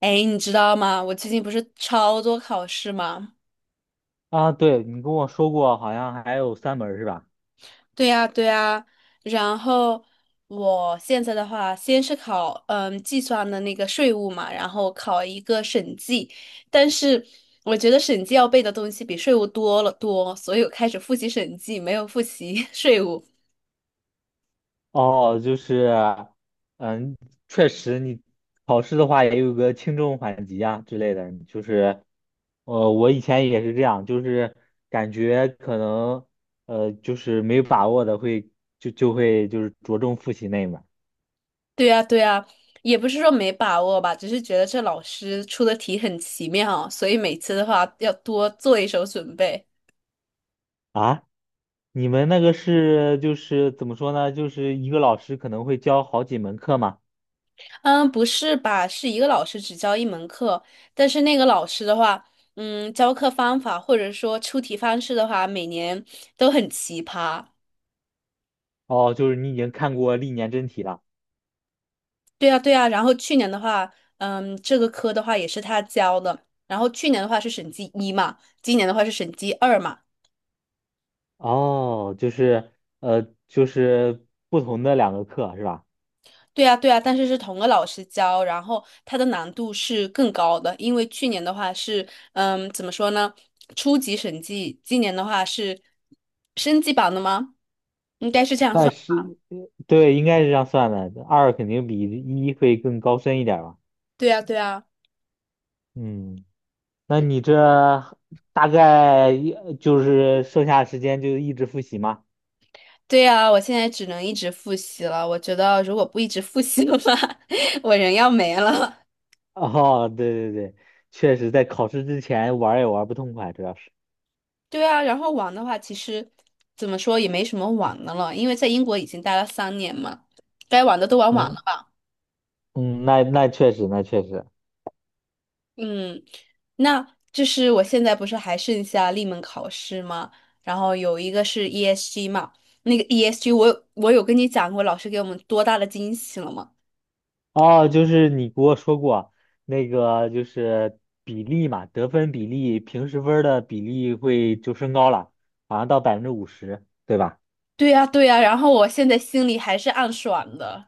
哎，你知道吗？我最近不是超多考试吗？啊，对，你跟我说过，好像还有三门儿是吧？对呀，对呀。然后我现在的话，先是考计算的那个税务嘛，然后考一个审计，但是我觉得审计要背的东西比税务多了多，所以我开始复习审计，没有复习 税务。哦，就是，嗯，确实，你考试的话也有个轻重缓急啊之类的，就是，我以前也是这样，就是感觉可能，就是没有把握的会就会就是着重复习那一门儿对呀，对呀，也不是说没把握吧，只是觉得这老师出的题很奇妙，所以每次的话要多做一手准备。啊。你们那个是就是怎么说呢？就是一个老师可能会教好几门课嘛？嗯，不是吧？是一个老师只教一门课，但是那个老师的话，嗯，教课方法或者说出题方式的话，每年都很奇葩。哦，就是你已经看过历年真题了。对啊，对啊。然后去年的话，这个科的话也是他教的。然后去年的话是审计一嘛，今年的话是审计二嘛。哦，就是就是不同的两个课是吧？对呀，对呀，但是是同个老师教，然后它的难度是更高的，因为去年的话是，怎么说呢，初级审计，今年的话是升级版的吗？应该是这样算算。是，对，应该是这样算的。二肯定比一会更高深一点儿吧？对呀，对呀，嗯，那你这大概一就是剩下的时间就一直复习吗？对呀，我现在只能一直复习了。我觉得如果不一直复习的话，我人要没了。哦，对对对，确实在考试之前玩儿也玩儿不痛快，主要是。对啊，然后玩的话，其实怎么说也没什么玩的了，因为在英国已经待了3年嘛，该玩的都玩完嗯了。嗯，那那确实，那确实。嗯，那就是我现在不是还剩下立门考试吗？然后有一个是 ESG 嘛，那个 ESG 我有跟你讲过，老师给我们多大的惊喜了吗？哦，就是你给我说过那个，就是比例嘛，得分比例，平时分儿的比例会就升高了，好像到百分之五十，对吧？对呀，对呀，然后我现在心里还是暗爽的，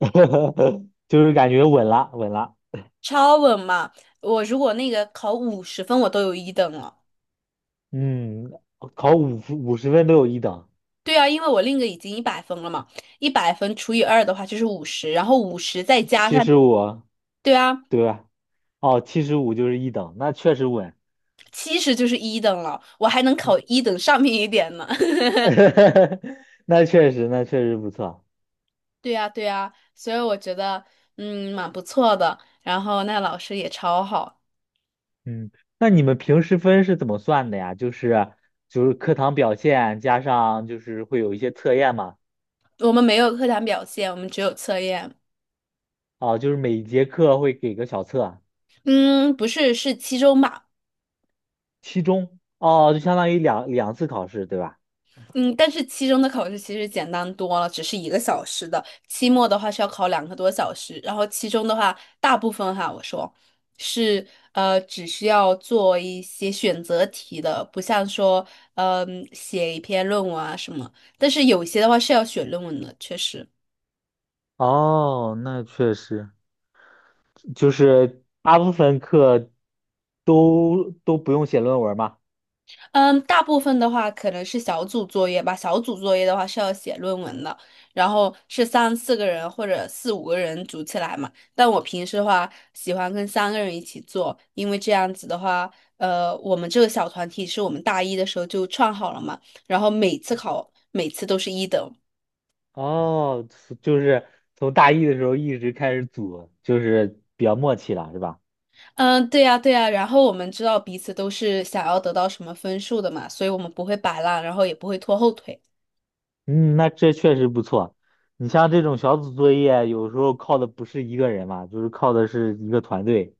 就是感觉稳了，稳了。超稳嘛！我如果那个考50分，我都有一等了。嗯，考五十分都有一等，对啊，因为我另一个已经一百分了嘛，一百分除以二的话就是五十，然后五十再加七上，十五，对啊，对吧？哦，七十五就是一等，那确实稳。70就是一等了，我还能考嗯，一等上面一点呢。那确实，那确实不错。对呀，对呀，所以我觉得，蛮不错的。然后那老师也超好，嗯，那你们平时分是怎么算的呀？就是就是课堂表现加上就是会有一些测验嘛，我们没有课堂表现，我们只有测验。哦，就是每节课会给个小测，嗯，不是，是期中吧？期中，哦，就相当于两次考试，对吧？嗯，但是期中的考试其实简单多了，只是一个小时的。期末的话是要考两个多小时，然后期中的话，大部分哈，我说是只需要做一些选择题的，不像说，嗯、写一篇论文啊什么。但是有些的话是要写论文的，确实。哦，那确实，就是大部分课都不用写论文嘛。嗯，大部分的话可能是小组作业吧。小组作业的话是要写论文的，然后是三四个人或者四五个人组起来嘛。但我平时的话喜欢跟三个人一起做，因为这样子的话，我们这个小团体是我们大一的时候就创好了嘛，然后每次考每次都是一等。哦，就是从大一的时候一直开始组，就是比较默契了，是吧？嗯，对呀，对呀。然后我们知道彼此都是想要得到什么分数的嘛，所以我们不会摆烂，然后也不会拖后腿。嗯，那这确实不错。你像这种小组作业，有时候靠的不是一个人嘛，就是靠的是一个团队，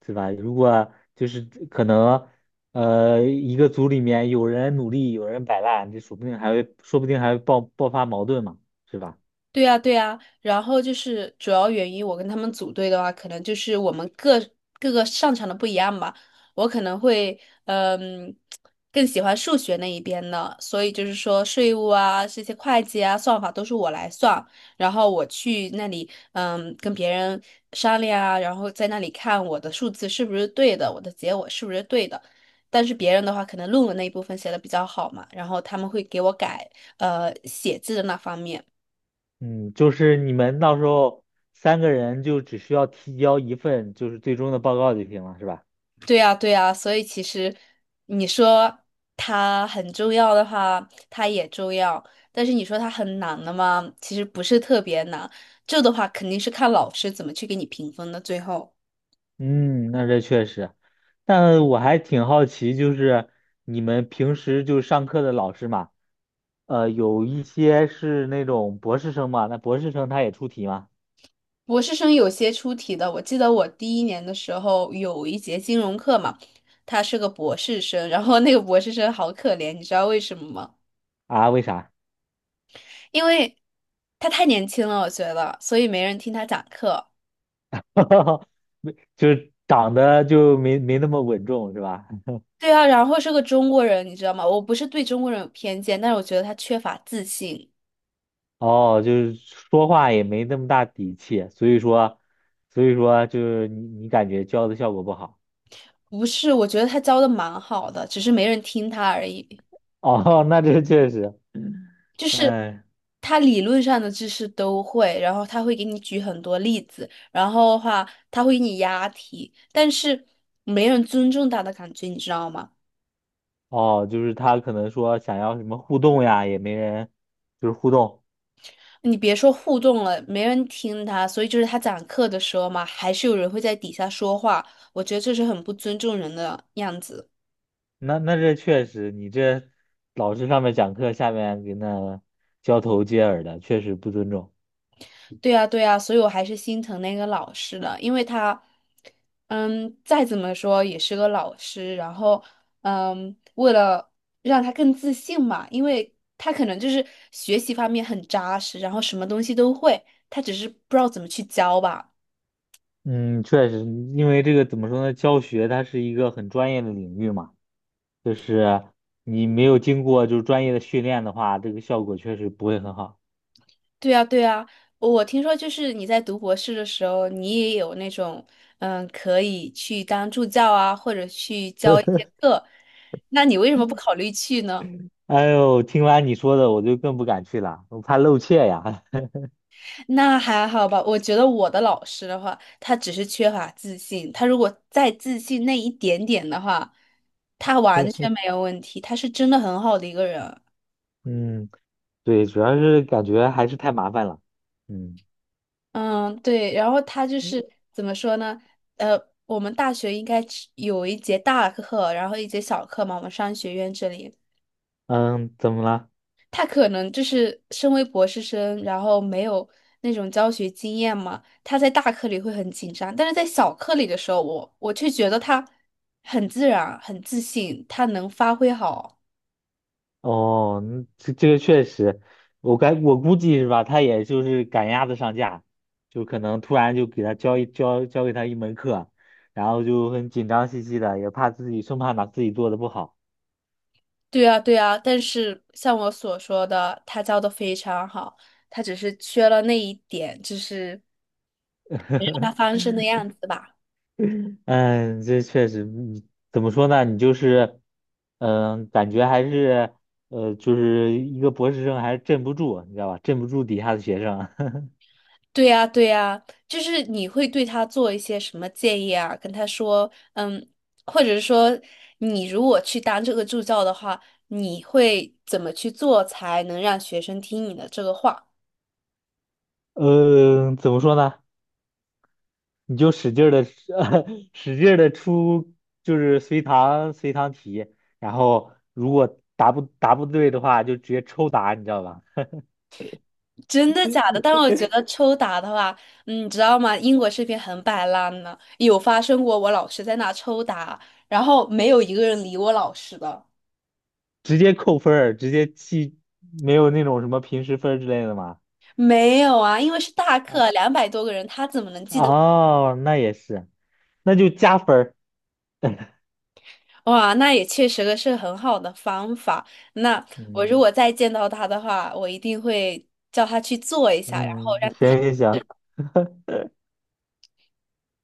对吧？如果就是可能，一个组里面有人努力，有人摆烂，这说不定还会，说不定还会爆发矛盾嘛，是吧？对呀，对呀，然后就是主要原因，我跟他们组队的话，可能就是我们各个擅长的不一样吧。我可能会，嗯，更喜欢数学那一边的，所以就是说税务啊，这些会计啊，算法都是我来算，然后我去那里，跟别人商量啊，然后在那里看我的数字是不是对的，我的结果是不是对的。但是别人的话，可能论文那一部分写的比较好嘛，然后他们会给我改，写字的那方面。嗯，就是你们到时候三个人就只需要提交一份就是最终的报告就行了，是吧？对呀，对呀，所以其实你说它很重要的话，它也重要；但是你说它很难的嘛，其实不是特别难。这的话肯定是看老师怎么去给你评分的。最后，嗯，那这确实，但我还挺好奇，就是你们平时就上课的老师嘛，有一些是那种博士生嘛，那博士生他也出题吗？博士生有些出题的，我记得我第一年的时候有一节金融课嘛，他是个博士生，然后那个博士生好可怜，你知道为什么吗？啊，为啥？因为他太年轻了，我觉得，所以没人听他讲课。没，就是长得就没那么稳重是吧？对啊，然后是个中国人，你知道吗？我不是对中国人有偏见，但是我觉得他缺乏自信。哦，就是说话也没那么大底气，所以说，所以说就是你感觉教的效果不好。不是，我觉得他教的蛮好的，只是没人听他而已。哦，那这确实，就是嗯。他理论上的知识都会，然后他会给你举很多例子，然后的话他会给你押题，但是没人尊重他的感觉，你知道吗？哦，就是他可能说想要什么互动呀，也没人就是互动。你别说互动了，没人听他，所以就是他讲课的时候嘛，还是有人会在底下说话，我觉得这是很不尊重人的样子。那那这确实，你这老师上面讲课，下面给那交头接耳的，确实不尊重。对呀，对呀，所以我还是心疼那个老师的，因为他，嗯，再怎么说也是个老师，然后，为了让他更自信嘛，因为他可能就是学习方面很扎实，然后什么东西都会，他只是不知道怎么去教吧。嗯，确实，因为这个怎么说呢，教学它是一个很专业的领域嘛，就是你没有经过就是专业的训练的话，这个效果确实不会很好 对呀，对呀，我听说就是你在读博士的时候，你也有那种，可以去当助教啊，或者去教一些 课，那你为什么不考虑去呢？哎呦，听完你说的，我就更不敢去了，我怕露怯呀。那还好吧，我觉得我的老师的话，他只是缺乏自信。他如果再自信那一点点的话，他完全没有问题。他是真的很好的一个人。嗯，对，主要是感觉还是太麻烦了。嗯。嗯，对。然后他就是怎么说呢？呃，我们大学应该只有一节大课，然后一节小课嘛。我们商学院这里，嗯，怎么了？他可能就是身为博士生，然后没有那种教学经验嘛，他在大课里会很紧张，但是在小课里的时候，我却觉得他很自然、很自信，他能发挥好。哦，嗯这这个确实，我该我估计是吧，他也就是赶鸭子上架，就可能突然就给他教给他一门课，然后就很紧张兮兮的，也怕自己生怕把自己做的不好。对啊，对啊，但是像我所说的，他教的非常好，他只是缺了那一点，就是让他 翻身的样子吧。嗯，这确实，你怎么说呢？你就是，嗯，感觉还是就是一个博士生还是镇不住，你知道吧？镇不住底下的学生。对呀，对呀，就是你会对他做一些什么建议啊？跟他说，嗯，或者是说，你如果去当这个助教的话，你会怎么去做才能让学生听你的这个话？嗯，怎么说呢？你就使劲的 使劲的出，就是随堂题，然后如果答不对的话，就直接抽答，你知道吧？真的假的？但是我觉得抽打的话，嗯，你知道吗？英国这边很摆烂呢，有发生过我老师在那抽打，然后没有一个人理我老师的。直接扣分儿，直接记，没有那种什么平时分儿之类的吗？没有啊，因为是大啊，课，200多个人，他怎么能记得？哦，那也是，那就加分儿。哇，那也确实是很好的方法。那我如嗯果再见到他的话，我一定会叫他去做一下。嗯，行行行，